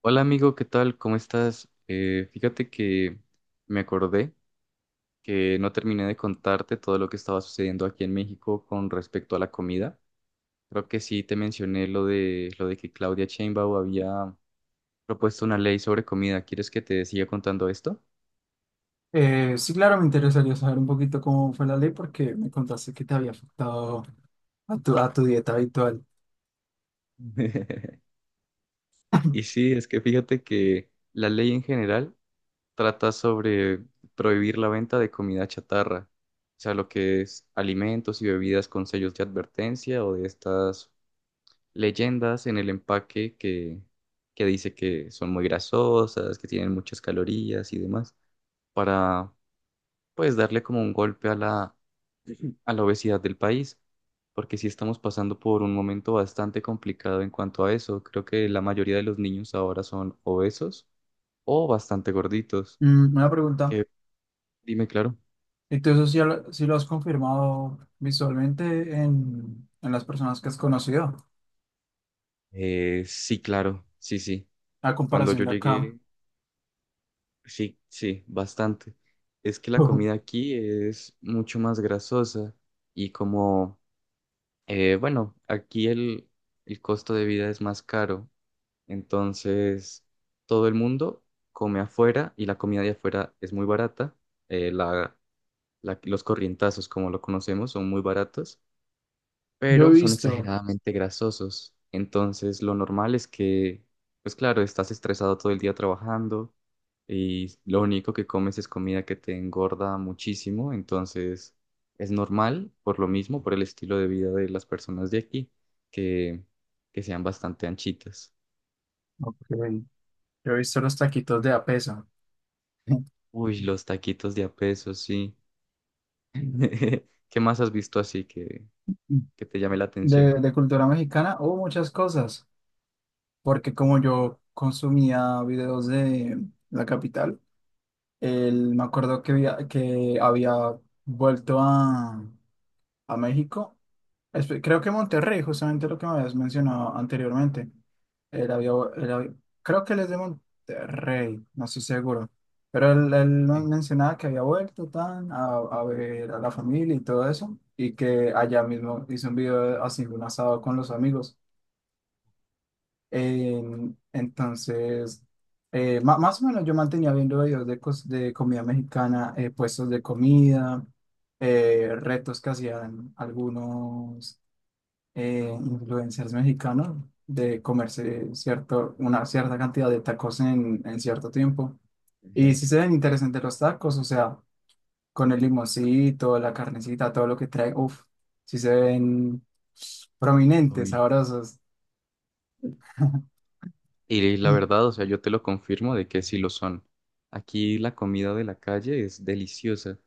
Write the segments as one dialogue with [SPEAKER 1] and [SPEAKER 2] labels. [SPEAKER 1] Hola amigo, ¿qué tal? ¿Cómo estás? Fíjate que me acordé que no terminé de contarte todo lo que estaba sucediendo aquí en México con respecto a la comida. Creo que sí te mencioné lo de que Claudia Sheinbaum había propuesto una ley sobre comida. ¿Quieres que te siga contando esto?
[SPEAKER 2] Sí, claro, me interesaría saber un poquito cómo fue la ley porque me contaste que te había afectado a tu dieta habitual.
[SPEAKER 1] Y sí, es que fíjate que la ley en general trata sobre prohibir la venta de comida chatarra, o sea, lo que es alimentos y bebidas con sellos de advertencia o de estas leyendas en el empaque que dice que son muy grasosas, que tienen muchas calorías y demás, para pues darle como un golpe a la obesidad del país, porque sí estamos pasando por un momento bastante complicado en cuanto a eso. Creo que la mayoría de los niños ahora son obesos o bastante gorditos.
[SPEAKER 2] Mm, una pregunta,
[SPEAKER 1] Que, dime, claro.
[SPEAKER 2] ¿y tú eso sí lo has confirmado visualmente en las personas que has conocido?
[SPEAKER 1] Sí, claro, sí, sí.
[SPEAKER 2] A
[SPEAKER 1] Cuando yo
[SPEAKER 2] comparación de acá,
[SPEAKER 1] llegué. Sí, sí, bastante. Es que la comida aquí es mucho más grasosa y como, bueno, aquí el costo de vida es más caro, entonces todo el mundo come afuera y la comida de afuera es muy barata. eh, la, los corrientazos, como lo conocemos, son muy baratos
[SPEAKER 2] yo he
[SPEAKER 1] pero son
[SPEAKER 2] visto,
[SPEAKER 1] exageradamente grasosos. Entonces, lo normal es que, pues claro, estás estresado todo el día trabajando y lo único que comes es comida que te engorda muchísimo. Entonces, es normal, por lo mismo, por el estilo de vida de las personas de aquí, que, que sean bastante anchitas.
[SPEAKER 2] ok, yo he visto los taquitos de a peso.
[SPEAKER 1] Uy, los taquitos de a peso, sí. ¿Qué más has visto así que te llame la
[SPEAKER 2] de,
[SPEAKER 1] atención?
[SPEAKER 2] de cultura mexicana o muchas cosas, porque como yo consumía videos de la capital, me acuerdo que, que había vuelto a México. Creo que Monterrey, justamente lo que me habías mencionado anteriormente. Él había, él había- creo que él es de Monterrey, no estoy seguro. Pero él nos
[SPEAKER 1] Sí.
[SPEAKER 2] mencionaba que había vuelto tan a ver a la familia y todo eso. Y que allá mismo hizo un video haciendo un asado con los amigos. Eh, entonces, más o menos yo mantenía viendo videos de, de comida mexicana, puestos de comida, retos que hacían algunos influencers mexicanos de una cierta cantidad de tacos en cierto tiempo. Y sí se ven interesantes los tacos, o sea, con el limoncito, la carnecita, todo lo que trae, uff, sí se ven prominentes,
[SPEAKER 1] Uy.
[SPEAKER 2] sabrosos.
[SPEAKER 1] Y la
[SPEAKER 2] Mm.
[SPEAKER 1] verdad, o sea, yo te lo confirmo de que sí lo son. Aquí la comida de la calle es deliciosa.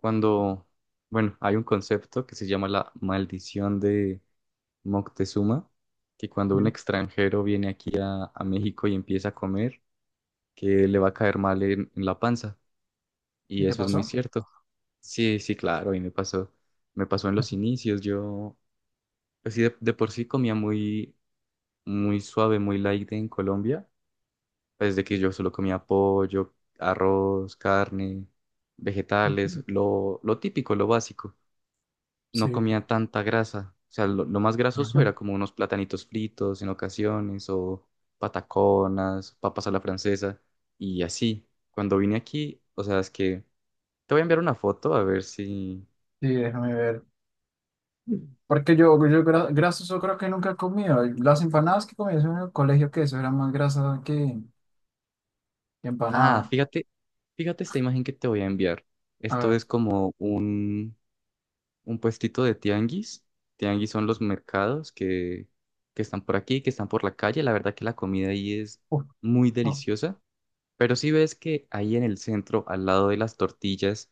[SPEAKER 1] Cuando, bueno, hay un concepto que se llama la maldición de Moctezuma, que cuando un
[SPEAKER 2] Sí.
[SPEAKER 1] extranjero viene aquí a México y empieza a comer, que le va a caer mal en la panza. Y
[SPEAKER 2] ¿Y te
[SPEAKER 1] eso es muy
[SPEAKER 2] pasó?
[SPEAKER 1] cierto. Sí, sí, claro, y me pasó en los inicios. Yo, pues sí, de por sí comía muy, muy suave, muy light en Colombia desde que yo solo comía pollo, arroz, carne, vegetales, lo típico, lo básico. No
[SPEAKER 2] Sí,
[SPEAKER 1] comía tanta grasa. O sea, lo más grasoso
[SPEAKER 2] ajá,
[SPEAKER 1] era como unos platanitos fritos en ocasiones o pataconas, papas a la francesa y así. Cuando vine aquí, o sea, es que te voy a enviar una foto a ver si...
[SPEAKER 2] sí, déjame ver. Porque yo grasas yo creo que nunca he comido. Las empanadas que comí en el colegio, que eso era más grasa que
[SPEAKER 1] Ah,
[SPEAKER 2] empanada.
[SPEAKER 1] fíjate esta imagen que te voy a enviar.
[SPEAKER 2] A
[SPEAKER 1] Esto
[SPEAKER 2] ver.
[SPEAKER 1] es como un puestito de tianguis. Tianguis son los mercados que están por aquí, que están por la calle. La verdad que la comida ahí es
[SPEAKER 2] Uf,
[SPEAKER 1] muy
[SPEAKER 2] oh.
[SPEAKER 1] deliciosa. Pero si ves que ahí en el centro, al lado de las tortillas,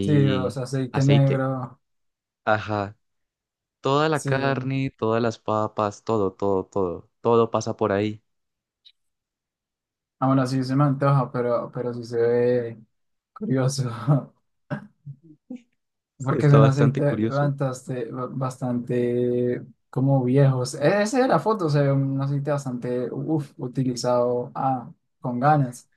[SPEAKER 2] Sí, o sea, aceite
[SPEAKER 1] aceite.
[SPEAKER 2] negro.
[SPEAKER 1] Ajá. Toda la
[SPEAKER 2] Sí.
[SPEAKER 1] carne, todas las papas, todo, todo, todo. Todo pasa por ahí.
[SPEAKER 2] Ah, bueno, sí se me antoja, pero sí se ve curioso.
[SPEAKER 1] Sí,
[SPEAKER 2] Porque es
[SPEAKER 1] está
[SPEAKER 2] un
[SPEAKER 1] bastante
[SPEAKER 2] aceite
[SPEAKER 1] curioso.
[SPEAKER 2] bastante, bastante como viejos. Esa es la foto, se ve un aceite bastante, uf, utilizado ah, con ganas.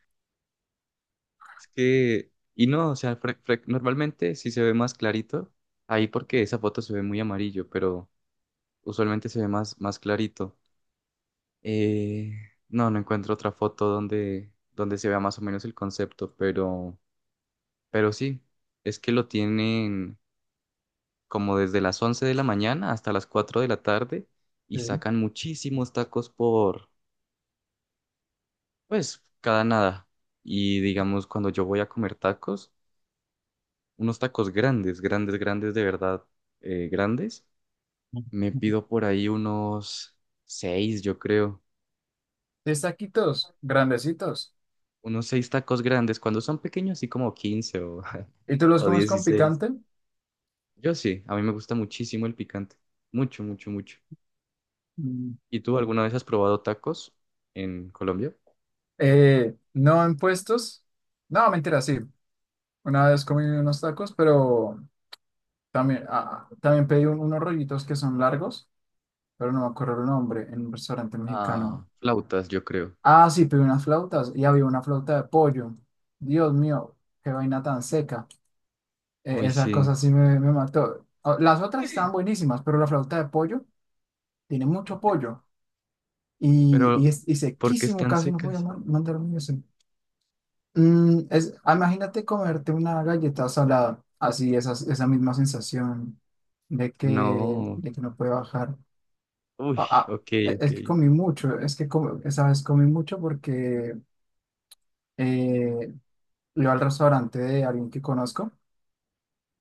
[SPEAKER 1] Es que, y no, o sea, normalmente sí se ve más clarito ahí porque esa foto se ve muy amarillo, pero usualmente se ve más, más clarito. Eh, no, no encuentro otra foto donde se vea más o menos el concepto, pero sí, es que lo tienen como desde las 11 de la mañana hasta las 4 de la tarde y sacan muchísimos tacos por, pues, cada nada. Y digamos, cuando yo voy a comer tacos, unos tacos grandes, grandes, grandes, de verdad, grandes, me
[SPEAKER 2] Sí.
[SPEAKER 1] pido por ahí unos seis, yo creo.
[SPEAKER 2] 10 taquitos grandecitos.
[SPEAKER 1] Unos seis tacos grandes, cuando son pequeños, así como 15 o,
[SPEAKER 2] ¿Y tú los
[SPEAKER 1] o
[SPEAKER 2] comes con
[SPEAKER 1] 16.
[SPEAKER 2] picante?
[SPEAKER 1] Yo sí, a mí me gusta muchísimo el picante. Mucho, mucho, mucho.
[SPEAKER 2] Mm.
[SPEAKER 1] ¿Y tú alguna vez has probado tacos en Colombia?
[SPEAKER 2] No en puestos. No, mentira, sí. Una vez comí unos tacos, pero también, también pedí unos rollitos que son largos, pero no me acuerdo el nombre, en un restaurante
[SPEAKER 1] Ah,
[SPEAKER 2] mexicano.
[SPEAKER 1] flautas, yo creo.
[SPEAKER 2] Ah, sí, pedí unas flautas y había una flauta de pollo. Dios mío, qué vaina tan seca.
[SPEAKER 1] Uy,
[SPEAKER 2] Esa
[SPEAKER 1] sí.
[SPEAKER 2] cosa sí me mató. Ah, las otras estaban buenísimas, pero la flauta de pollo tiene mucho pollo.
[SPEAKER 1] Pero,
[SPEAKER 2] Y
[SPEAKER 1] ¿por qué
[SPEAKER 2] sequísimo,
[SPEAKER 1] están
[SPEAKER 2] casi no podía
[SPEAKER 1] secas?
[SPEAKER 2] mandar un eso. Imagínate comerte una galleta salada, así esa, esa misma sensación
[SPEAKER 1] No.
[SPEAKER 2] de que no puede bajar.
[SPEAKER 1] Uy,
[SPEAKER 2] Ah, ah,
[SPEAKER 1] ok, ok.
[SPEAKER 2] es que comí mucho, esa vez comí mucho porque eh, iba al restaurante de alguien que conozco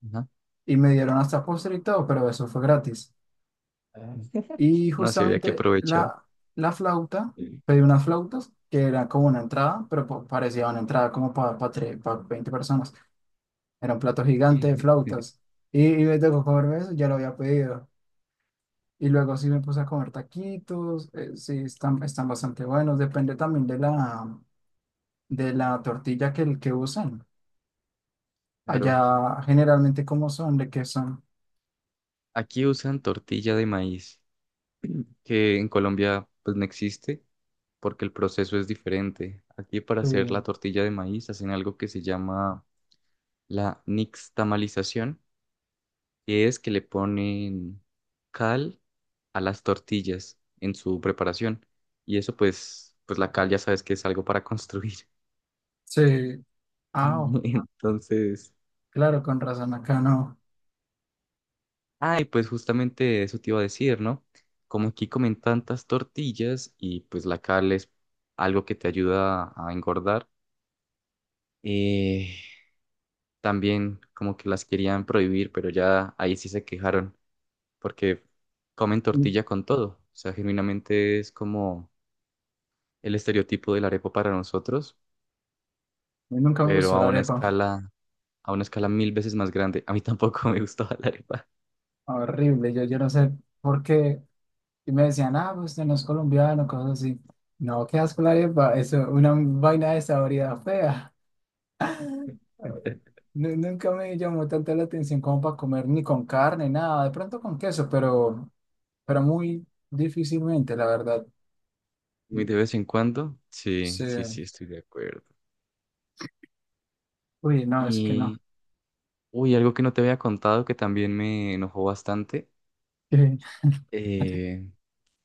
[SPEAKER 1] Ajá.
[SPEAKER 2] y me dieron hasta postre y todo, pero eso fue gratis.
[SPEAKER 1] Ah.
[SPEAKER 2] Y
[SPEAKER 1] No, sí había que
[SPEAKER 2] justamente
[SPEAKER 1] aprovechar.
[SPEAKER 2] la flauta,
[SPEAKER 1] Sí.
[SPEAKER 2] pedí unas flautas que era como una entrada, pero parecía una entrada como para 20 personas. Era un plato gigante de flautas. Y me tocó comerme eso, ya lo había pedido. Y luego sí me puse a comer taquitos, están bastante buenos. Depende también de de la tortilla que, el que usen.
[SPEAKER 1] Claro.
[SPEAKER 2] Allá generalmente cómo son, de qué son.
[SPEAKER 1] Aquí usan tortilla de maíz, que en Colombia pues no existe, porque el proceso es diferente. Aquí para
[SPEAKER 2] Sí,
[SPEAKER 1] hacer la tortilla de maíz hacen algo que se llama la nixtamalización, que es que le ponen cal a las tortillas en su preparación. Y eso pues, la cal ya sabes que es algo para construir.
[SPEAKER 2] sí. Ah, oh,
[SPEAKER 1] Entonces,
[SPEAKER 2] claro, con razón, acá no.
[SPEAKER 1] ay, pues justamente eso te iba a decir, ¿no? Como aquí comen tantas tortillas y pues la cal es algo que te ayuda a engordar. eh, También como que las querían prohibir, pero ya ahí sí se quejaron porque comen
[SPEAKER 2] Y-
[SPEAKER 1] tortilla con todo. O sea, genuinamente es como el estereotipo del arepa para nosotros,
[SPEAKER 2] Nunca me
[SPEAKER 1] pero
[SPEAKER 2] gustó
[SPEAKER 1] a
[SPEAKER 2] la
[SPEAKER 1] una
[SPEAKER 2] arepa.
[SPEAKER 1] escala mil veces más grande. A mí tampoco me gustaba la arepa.
[SPEAKER 2] Horrible, yo no sé por qué. Y me decían, ah, pues usted no es colombiano, cosas así. No, qué asco la arepa, eso, una vaina de saboridad fea. Nunca me llamó tanto la atención como para comer ni con carne, nada, de pronto con queso, pero muy difícilmente, la verdad.
[SPEAKER 1] Muy de vez en cuando. Sí,
[SPEAKER 2] Sí.
[SPEAKER 1] sí, sí, estoy de acuerdo.
[SPEAKER 2] Uy, no, es que
[SPEAKER 1] Y,
[SPEAKER 2] no.
[SPEAKER 1] uy, algo que no te había contado que también me enojó bastante. eh,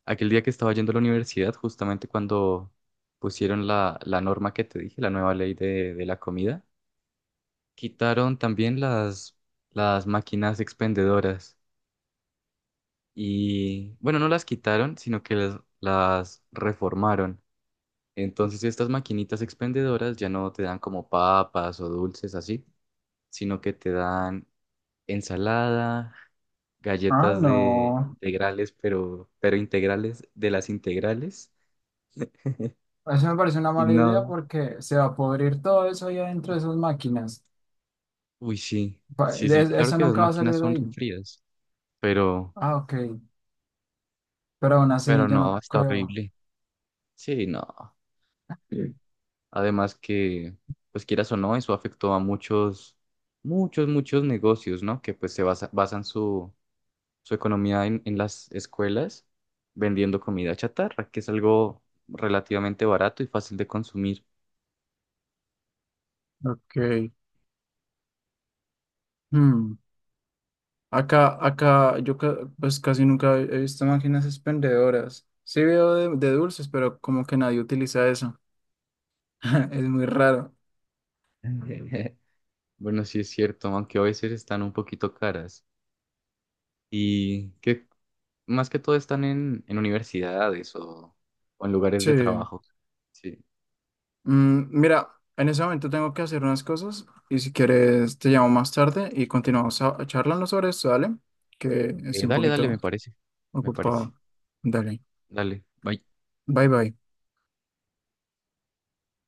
[SPEAKER 1] Aquel día que estaba yendo a la universidad, justamente cuando pusieron la norma que te dije, la nueva ley de la comida, quitaron también las máquinas expendedoras. Y bueno, no las quitaron, sino que las reformaron. Entonces estas maquinitas expendedoras ya no te dan como papas o dulces así, sino que te dan ensalada,
[SPEAKER 2] Ah,
[SPEAKER 1] galletas de
[SPEAKER 2] no.
[SPEAKER 1] integrales, pero integrales de las integrales.
[SPEAKER 2] Eso me parece una
[SPEAKER 1] Y
[SPEAKER 2] mala idea
[SPEAKER 1] no,
[SPEAKER 2] porque se va a podrir todo eso ahí adentro de esas máquinas.
[SPEAKER 1] uy, sí, sí, sí, claro
[SPEAKER 2] Eso
[SPEAKER 1] que las
[SPEAKER 2] nunca va a
[SPEAKER 1] máquinas
[SPEAKER 2] salir de
[SPEAKER 1] son
[SPEAKER 2] ahí.
[SPEAKER 1] refrías, pero,
[SPEAKER 2] Ah, ok, pero aún así
[SPEAKER 1] pero
[SPEAKER 2] yo
[SPEAKER 1] no,
[SPEAKER 2] no
[SPEAKER 1] está
[SPEAKER 2] creo.
[SPEAKER 1] horrible. Sí, no. Sí. Además que, pues quieras o no, eso afectó a muchos, muchos, muchos negocios, ¿no? Que pues se basan su economía en las escuelas vendiendo comida chatarra, que es algo relativamente barato y fácil de consumir.
[SPEAKER 2] Ok. Hmm. Acá pues casi nunca he visto máquinas expendedoras. Sí veo de dulces, pero como que nadie utiliza eso. Es muy raro.
[SPEAKER 1] Bueno, sí es cierto, aunque a veces están un poquito caras. ¿Y qué? Más que todo están en universidades o en lugares
[SPEAKER 2] Sí.
[SPEAKER 1] de trabajo. Sí.
[SPEAKER 2] Mm, mira, en ese momento tengo que hacer unas cosas y si quieres te llamo más tarde y continuamos charlando sobre esto, ¿vale? Que estoy un
[SPEAKER 1] Dale, dale, me
[SPEAKER 2] poquito
[SPEAKER 1] parece. Me parece.
[SPEAKER 2] ocupado. Dale.
[SPEAKER 1] Dale, bye.
[SPEAKER 2] Bye bye.